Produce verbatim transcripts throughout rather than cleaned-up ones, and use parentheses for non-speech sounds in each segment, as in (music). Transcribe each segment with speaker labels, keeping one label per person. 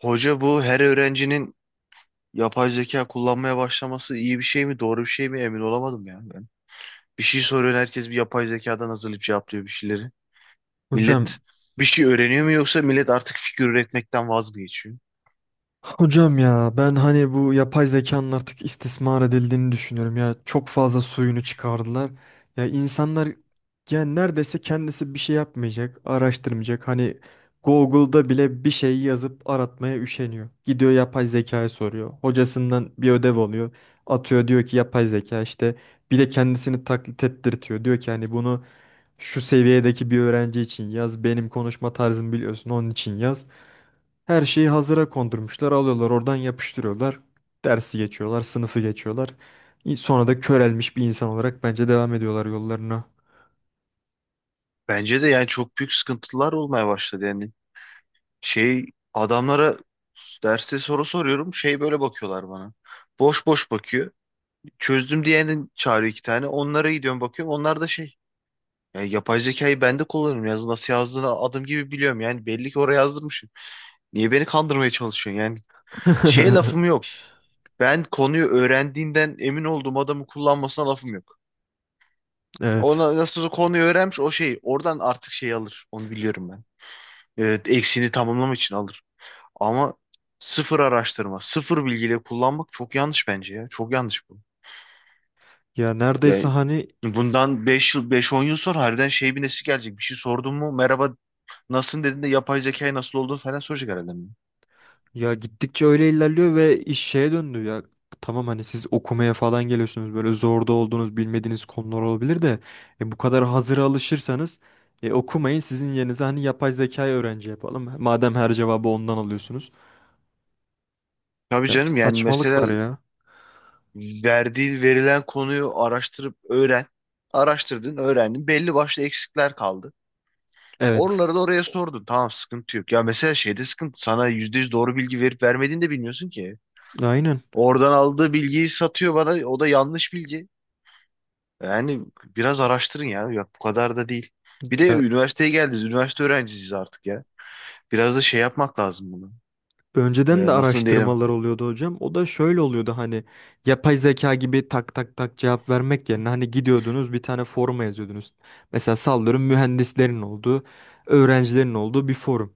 Speaker 1: Hoca bu her öğrencinin yapay zeka kullanmaya başlaması iyi bir şey mi, doğru bir şey mi emin olamadım ya ben. Bir şey soruyor herkes bir yapay zekadan hazırlayıp cevaplıyor bir şeyleri.
Speaker 2: Hocam,
Speaker 1: Millet bir şey öğreniyor mu yoksa millet artık fikir üretmekten vaz mı geçiyor?
Speaker 2: hocam ya ben hani bu yapay zekanın artık istismar edildiğini düşünüyorum ya. Çok fazla suyunu çıkardılar. Ya insanlar yani neredeyse kendisi bir şey yapmayacak, araştırmayacak. Hani Google'da bile bir şey yazıp aratmaya üşeniyor. Gidiyor yapay zekaya soruyor. Hocasından bir ödev alıyor. Atıyor diyor ki yapay zeka işte bir de kendisini taklit ettirtiyor. Diyor ki hani bunu şu seviyedeki bir öğrenci için yaz. Benim konuşma tarzımı biliyorsun onun için yaz. Her şeyi hazıra kondurmuşlar. Alıyorlar oradan yapıştırıyorlar. Dersi geçiyorlar, sınıfı geçiyorlar. İ- Sonra da körelmiş bir insan olarak bence devam ediyorlar yollarına.
Speaker 1: Bence de yani çok büyük sıkıntılar olmaya başladı yani. Şey adamlara derste soru soruyorum şey böyle bakıyorlar bana. Boş boş bakıyor. Çözdüm diyenin çağırıyor iki tane. Onlara gidiyorum bakıyorum. Onlar da şey. Ya yapay zekayı ben de kullanırım. Yazı nasıl yazdığını adım gibi biliyorum. Yani belli ki oraya yazdırmışım. Niye beni kandırmaya çalışıyorsun? Yani şeye
Speaker 2: (laughs)
Speaker 1: lafım yok. Ben konuyu öğrendiğinden emin olduğum adamı kullanmasına lafım yok.
Speaker 2: Evet.
Speaker 1: Ona nasıl olsa konuyu öğrenmiş o şey. Oradan artık şey alır. Onu biliyorum ben. Evet, eksiğini tamamlamak için alır. Ama sıfır araştırma, sıfır bilgiyle kullanmak çok yanlış bence ya. Çok yanlış bu.
Speaker 2: Ya neredeyse
Speaker 1: Yani
Speaker 2: hani,
Speaker 1: bundan beş yıl, beş on yıl sonra harbiden şey bir nesi gelecek. Bir şey sordun mu merhaba nasılsın dediğinde yapay zekayı nasıl olduğunu falan soracak herhalde.
Speaker 2: ya gittikçe öyle ilerliyor ve iş şeye döndü ya. Tamam, hani siz okumaya falan geliyorsunuz böyle zorda olduğunuz bilmediğiniz konular olabilir de e, bu kadar hazıra alışırsanız e, okumayın, sizin yerinize hani yapay zekayı öğrenci yapalım. Madem her cevabı ondan alıyorsunuz.
Speaker 1: Tabii
Speaker 2: Ya bir
Speaker 1: canım yani
Speaker 2: saçmalık var
Speaker 1: mesela
Speaker 2: ya.
Speaker 1: verdiği verilen konuyu araştırıp öğren. Araştırdın, öğrendin. Belli başlı eksikler kaldı.
Speaker 2: Evet.
Speaker 1: Oraları da oraya sordun. Tamam, sıkıntı yok. Ya mesela şeyde sıkıntı. Sana yüzde yüz doğru bilgi verip vermediğini de bilmiyorsun ki.
Speaker 2: Aynen.
Speaker 1: Oradan aldığı bilgiyi satıyor bana. O da yanlış bilgi. Yani biraz araştırın ya. Ya bu kadar da değil. Bir de
Speaker 2: Ya
Speaker 1: üniversiteye geldiniz. Üniversite öğrencisiyiz artık ya. Biraz da şey yapmak lazım bunu.
Speaker 2: önceden de
Speaker 1: Ee, nasıl diyelim?
Speaker 2: araştırmalar oluyordu hocam. O da şöyle oluyordu, hani yapay zeka gibi tak tak tak cevap vermek yerine hani gidiyordunuz bir tane foruma yazıyordunuz. Mesela sallıyorum, mühendislerin olduğu, öğrencilerin olduğu bir forum.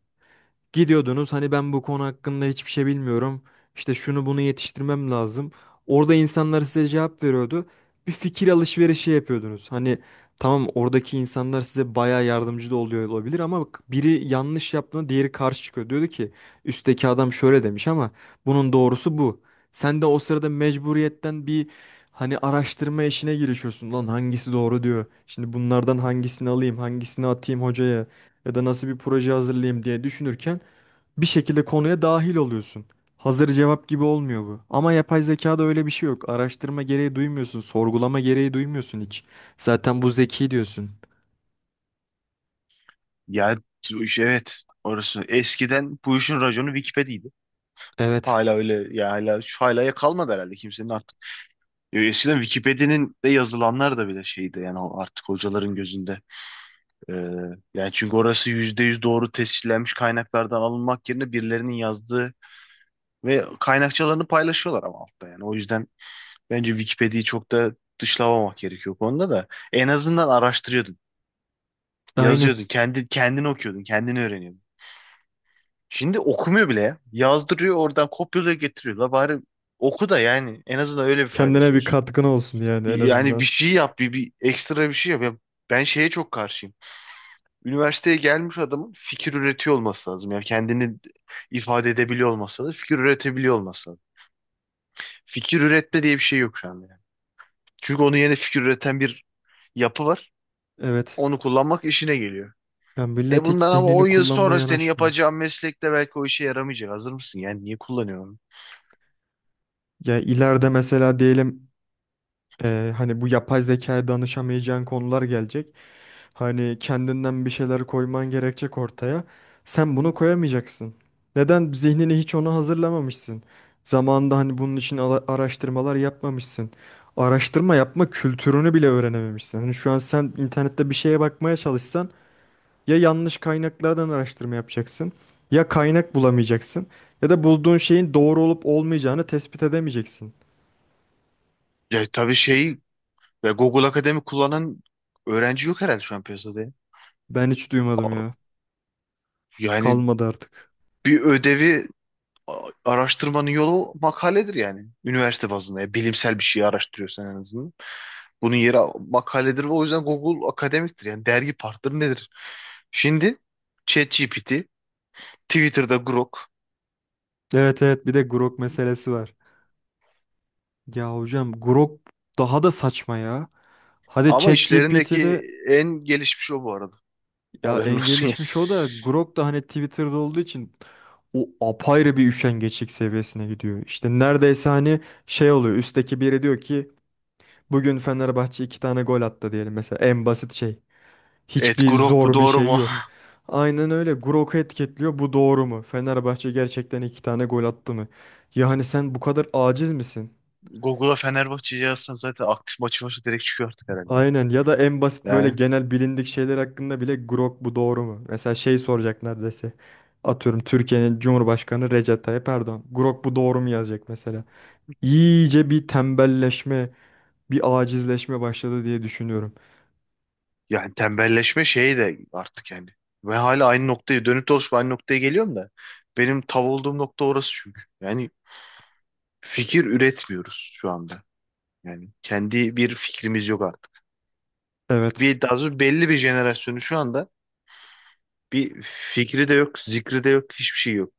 Speaker 2: Gidiyordunuz hani ben bu konu hakkında hiçbir şey bilmiyorum. İşte şunu bunu yetiştirmem lazım. Orada insanlar size cevap veriyordu. Bir fikir alışverişi yapıyordunuz. Hani tamam, oradaki insanlar size bayağı yardımcı da oluyor olabilir ama bak, biri yanlış yaptığında diğeri karşı çıkıyor. Diyordu ki üstteki adam şöyle demiş ama bunun doğrusu bu. Sen de o sırada mecburiyetten bir hani araştırma işine girişiyorsun. Lan hangisi doğru diyor. Şimdi bunlardan hangisini alayım, hangisini atayım hocaya ya da nasıl bir proje hazırlayayım diye düşünürken bir şekilde konuya dahil oluyorsun. Hazır cevap gibi olmuyor bu. Ama yapay zekada öyle bir şey yok. Araştırma gereği duymuyorsun, sorgulama gereği duymuyorsun hiç. Zaten bu zeki diyorsun.
Speaker 1: Ya bu iş- evet orası. Eskiden bu işin raconu Wikipedia'ydı.
Speaker 2: Evet.
Speaker 1: Hala öyle ya, hala şu, hala ya kalmadı herhalde kimsenin artık. Ya eskiden Wikipedia'nın de yazılanlar da bile şeydi yani o artık hocaların gözünde. Ee, Yani çünkü orası yüzde yüz doğru tescillenmiş kaynaklardan alınmak yerine birilerinin yazdığı ve kaynakçalarını paylaşıyorlar ama altta yani. O yüzden bence Wikipedia'yı çok da dışlamamak gerekiyor bu konuda da. En azından araştırıyordun.
Speaker 2: Aynen.
Speaker 1: Yazıyordun. Kendi, kendini okuyordun. Kendini öğreniyordun. Şimdi okumuyor bile ya. Yazdırıyor, oradan kopyalıyor, getiriyor. La bari oku da yani en azından öyle bir
Speaker 2: Kendine
Speaker 1: faydası
Speaker 2: bir
Speaker 1: olsun.
Speaker 2: katkın olsun yani, en
Speaker 1: Yani bir
Speaker 2: azından.
Speaker 1: şey yap. Bir, bir ekstra bir şey yap. Ya ben şeye çok karşıyım. Üniversiteye gelmiş adamın fikir üretiyor olması lazım. Yani kendini ifade edebiliyor olması lazım. Fikir üretebiliyor olması lazım. Fikir üretme diye bir şey yok şu anda, yani. Çünkü onun yeni fikir üreten bir yapı var.
Speaker 2: Evet.
Speaker 1: Onu kullanmak işine geliyor.
Speaker 2: Yani
Speaker 1: E
Speaker 2: millet hiç
Speaker 1: bundan ama on
Speaker 2: zihnini
Speaker 1: yıl
Speaker 2: kullanmaya
Speaker 1: sonra senin
Speaker 2: yanaşmıyor.
Speaker 1: yapacağın meslekte belki o işe yaramayacak. Hazır mısın? Yani niye kullanıyorum?
Speaker 2: Ya ileride mesela diyelim, Ee, hani bu yapay zekaya danışamayacağın konular gelecek. Hani kendinden bir şeyler koyman gerekecek ortaya. Sen bunu koyamayacaksın. Neden? Zihnini hiç ona hazırlamamışsın. Zamanında hani bunun için ala- araştırmalar yapmamışsın. Araştırma yapma kültürünü bile öğrenememişsin. Hani şu an sen internette bir şeye bakmaya çalışsan ya yanlış kaynaklardan araştırma yapacaksın, ya kaynak bulamayacaksın, ya da bulduğun şeyin doğru olup olmayacağını tespit edemeyeceksin.
Speaker 1: Ya tabii şey ve Google Akademi kullanan öğrenci yok herhalde şu an piyasada, ya.
Speaker 2: Ben hiç
Speaker 1: A-
Speaker 2: duymadım ya.
Speaker 1: Yani
Speaker 2: Kalmadı artık.
Speaker 1: bir ödevi a- araştırmanın yolu makaledir yani. Üniversite bazında, ya bilimsel bir şeyi araştırıyorsan en azından. Bunun yeri makaledir ve o yüzden Google akademiktir. Yani dergi partneri nedir? Şimdi ChatGPT, Twitter'da Grok,
Speaker 2: Evet evet bir de Grok meselesi var. Ya hocam, Grok daha da saçma ya. Hadi
Speaker 1: ama işlerindeki
Speaker 2: ChatGPT'de,
Speaker 1: en gelişmiş o bu arada.
Speaker 2: ya
Speaker 1: Haberin
Speaker 2: en
Speaker 1: olsun yani.
Speaker 2: gelişmiş o da Grok da hani Twitter'da olduğu için o apayrı bir üşengeçlik seviyesine gidiyor. İşte neredeyse hani şey oluyor, üstteki biri diyor ki bugün Fenerbahçe iki tane gol attı diyelim mesela, en basit şey.
Speaker 1: Evet,
Speaker 2: Hiçbir
Speaker 1: Grok bu
Speaker 2: zor bir
Speaker 1: doğru
Speaker 2: şey
Speaker 1: mu?
Speaker 2: yok. Aynen öyle, Grok'u etiketliyor, bu doğru mu? Fenerbahçe gerçekten iki tane gol attı mı? Ya hani sen bu kadar aciz misin?
Speaker 1: (laughs) Google'a Fenerbahçe'yi yazsan zaten aktif maçı maçı direkt çıkıyor artık herhalde.
Speaker 2: Aynen, ya da en basit böyle
Speaker 1: Yani,
Speaker 2: genel bilindik şeyler hakkında bile Grok bu doğru mu? Mesela şey soracak neredeyse. Atıyorum, Türkiye'nin Cumhurbaşkanı Recep Tayyip Erdoğan. Grok bu doğru mu yazacak mesela. İyice bir tembelleşme, bir acizleşme başladı diye düşünüyorum.
Speaker 1: yani tembelleşme şeyi de artık yani. Ve hala aynı noktaya dönüp dolaşıp aynı noktaya geliyorum da. Benim tav olduğum nokta orası çünkü. Yani fikir üretmiyoruz şu anda. Yani kendi bir fikrimiz yok artık.
Speaker 2: Evet.
Speaker 1: Bir daha doğrusu belli bir jenerasyonu şu anda bir fikri de yok, zikri de yok, hiçbir şey yok.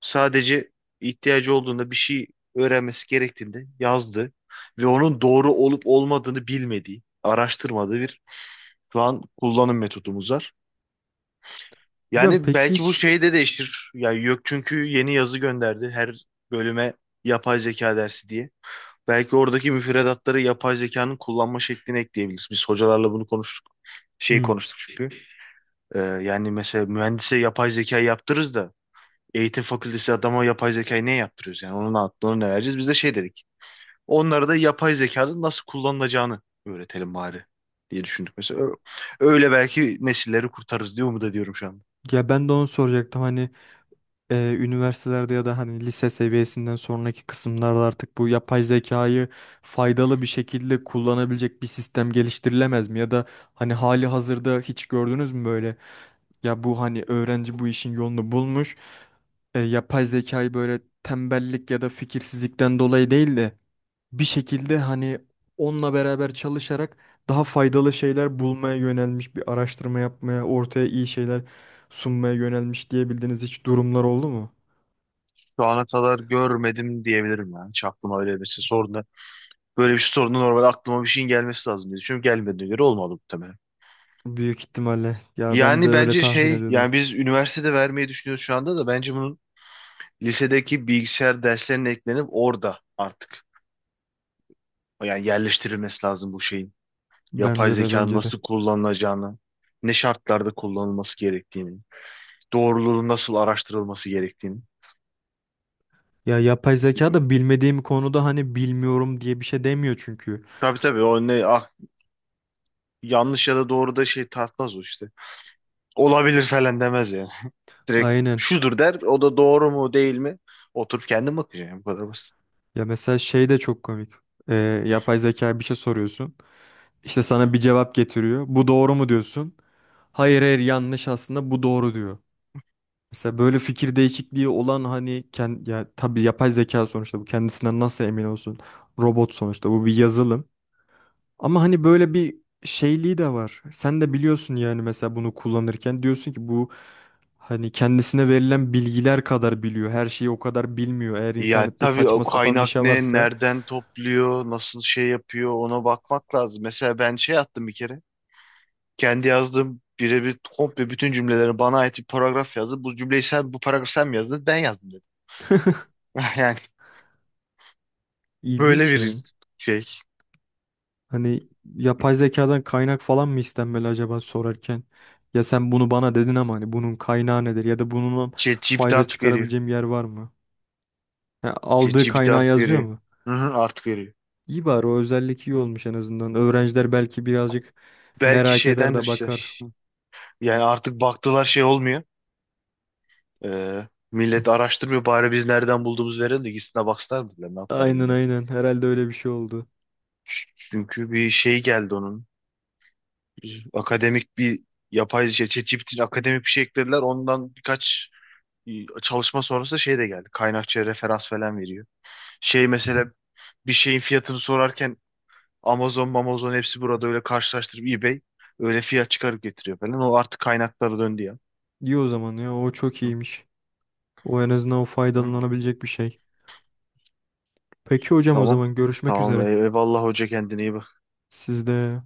Speaker 1: Sadece ihtiyacı olduğunda bir şey öğrenmesi gerektiğinde yazdı ve onun doğru olup olmadığını bilmediği, araştırmadığı bir şu an kullanım metodumuz var.
Speaker 2: Hocam
Speaker 1: Yani
Speaker 2: peki
Speaker 1: belki bu
Speaker 2: hiç,
Speaker 1: şeyi de değiştir. Yani yok çünkü yeni yazı gönderdi her bölüme yapay zeka dersi diye. Belki oradaki müfredatları yapay zekanın kullanma şeklini ekleyebiliriz. Biz hocalarla bunu konuştuk. Şey
Speaker 2: hmm,
Speaker 1: konuştuk çünkü. Ee, yani mesela mühendise yapay zeka yaptırırız da eğitim fakültesi adama yapay zekayı ne yaptırıyoruz yani? Onun aklını ne vereceğiz? Biz de şey dedik. Onlara da yapay zekanın nasıl kullanılacağını öğretelim bari diye düşündük. Mesela Ö- öyle belki nesilleri kurtarırız diye umut ediyorum şu anda.
Speaker 2: ya ben de onu soracaktım. Hani e, üniversitelerde ya da hani lise seviyesinden sonraki kısımlarda artık bu yapay zekayı faydalı bir şekilde kullanabilecek bir sistem geliştirilemez mi? Ya da hani hali hazırda hiç gördünüz mü böyle? Ya bu hani öğrenci bu işin yolunu bulmuş. e, yapay zekayı böyle tembellik ya da fikirsizlikten dolayı değil de bir şekilde hani onunla beraber çalışarak daha faydalı şeyler bulmaya yönelmiş, bir araştırma yapmaya, ortaya iyi şeyler sunmaya yönelmiş diyebildiğiniz hiç durumlar oldu mu?
Speaker 1: Şu ana kadar görmedim diyebilirim yani. Hiç aklıma öyle bir şey sorun. Böyle bir sorunu normalde aklıma bir şeyin gelmesi lazım diye düşünüyorum. Gelmediğine göre olmalı muhtemelen.
Speaker 2: Büyük ihtimalle. Ya ben de
Speaker 1: Yani
Speaker 2: öyle
Speaker 1: bence
Speaker 2: tahmin
Speaker 1: şey
Speaker 2: ediyordum.
Speaker 1: yani biz üniversitede vermeyi düşünüyoruz şu anda da bence bunun lisedeki bilgisayar derslerine eklenip orada artık yani yerleştirilmesi lazım bu şeyin, yapay
Speaker 2: Bence de
Speaker 1: zekanın
Speaker 2: bence de.
Speaker 1: nasıl kullanılacağını, ne şartlarda kullanılması gerektiğini, doğruluğu nasıl araştırılması gerektiğini.
Speaker 2: Ya yapay zeka da bilmediğim konuda hani bilmiyorum diye bir şey demiyor çünkü.
Speaker 1: Tabii, tabii, o ne ah, yanlış ya da doğru da şey tartmaz o işte. Olabilir falan demez yani. Direkt
Speaker 2: Aynen.
Speaker 1: şudur der, o da doğru mu değil mi oturup kendim bakacağım, bu kadar basit.
Speaker 2: Ya mesela şey de çok komik. Ee, yapay zeka bir şey soruyorsun. İşte sana bir cevap getiriyor. Bu doğru mu diyorsun? Hayır hayır yanlış, aslında bu doğru diyor. Mesela böyle fikir değişikliği olan hani kend ya tabii yapay zeka sonuçta, bu kendisinden nasıl emin olsun? Robot sonuçta, bu bir yazılım. Ama hani böyle bir şeyliği de var. Sen de biliyorsun yani, mesela bunu kullanırken diyorsun ki bu hani kendisine verilen bilgiler kadar biliyor. Her şeyi o kadar bilmiyor. Eğer
Speaker 1: Ya
Speaker 2: internette
Speaker 1: tabii o
Speaker 2: saçma sapan bir
Speaker 1: kaynak
Speaker 2: şey
Speaker 1: ne,
Speaker 2: varsa
Speaker 1: nereden topluyor, nasıl şey yapıyor ona bakmak lazım. Mesela ben şey attım bir kere. Kendi yazdığım birebir komple bütün cümleleri bana ait bir paragraf yazdı. Bu cümleyi sen bu paragrafı sen mi yazdın? Ben yazdım dedim.
Speaker 2: (laughs)
Speaker 1: (laughs) Yani böyle
Speaker 2: ilginç
Speaker 1: bir
Speaker 2: ya.
Speaker 1: şey.
Speaker 2: Hani yapay zekadan kaynak falan mı istenmeli acaba sorarken? Ya sen bunu bana dedin ama hani bunun kaynağı nedir ya da bunun
Speaker 1: ChatGPT
Speaker 2: fayda
Speaker 1: artık veriyor.
Speaker 2: çıkarabileceğim yer var mı? Ha, aldığı
Speaker 1: ChatGPT
Speaker 2: kaynağı
Speaker 1: artık
Speaker 2: yazıyor
Speaker 1: veriyor.
Speaker 2: mu?
Speaker 1: Hı hı, artık veriyor.
Speaker 2: İyi, bari o özellik iyi
Speaker 1: Hı.
Speaker 2: olmuş en azından. Öğrenciler belki birazcık
Speaker 1: Belki
Speaker 2: merak eder
Speaker 1: şeydendir
Speaker 2: de
Speaker 1: işte.
Speaker 2: bakar.
Speaker 1: Yani artık baktılar şey olmuyor. Ee, millet araştırmıyor. Bari biz nereden bulduğumuzu verelim de gitsinler baksınlar mı dediler. Ne yaptılar
Speaker 2: Aynen
Speaker 1: bilmiyorum.
Speaker 2: aynen herhalde öyle bir şey oldu.
Speaker 1: Ç- Çünkü bir şey geldi onun. Bir akademik bir yapay şey. ChatGPT'nin akademik bir şey eklediler. Ondan birkaç çalışma sonrası şey de geldi. Kaynakçıya referans falan veriyor. Şey mesela bir şeyin fiyatını sorarken Amazon, Amazon hepsi burada öyle karşılaştırıp eBay öyle fiyat çıkarıp getiriyor falan. O artık kaynaklara döndü ya.
Speaker 2: İyi o zaman, ya o çok
Speaker 1: Hı,
Speaker 2: iyiymiş. O en azından o
Speaker 1: hı.
Speaker 2: faydalanabilecek bir şey. Peki hocam, o
Speaker 1: Tamam.
Speaker 2: zaman görüşmek
Speaker 1: Tamam.
Speaker 2: üzere.
Speaker 1: Ey- Eyvallah hoca, kendine iyi bak.
Speaker 2: Sizde.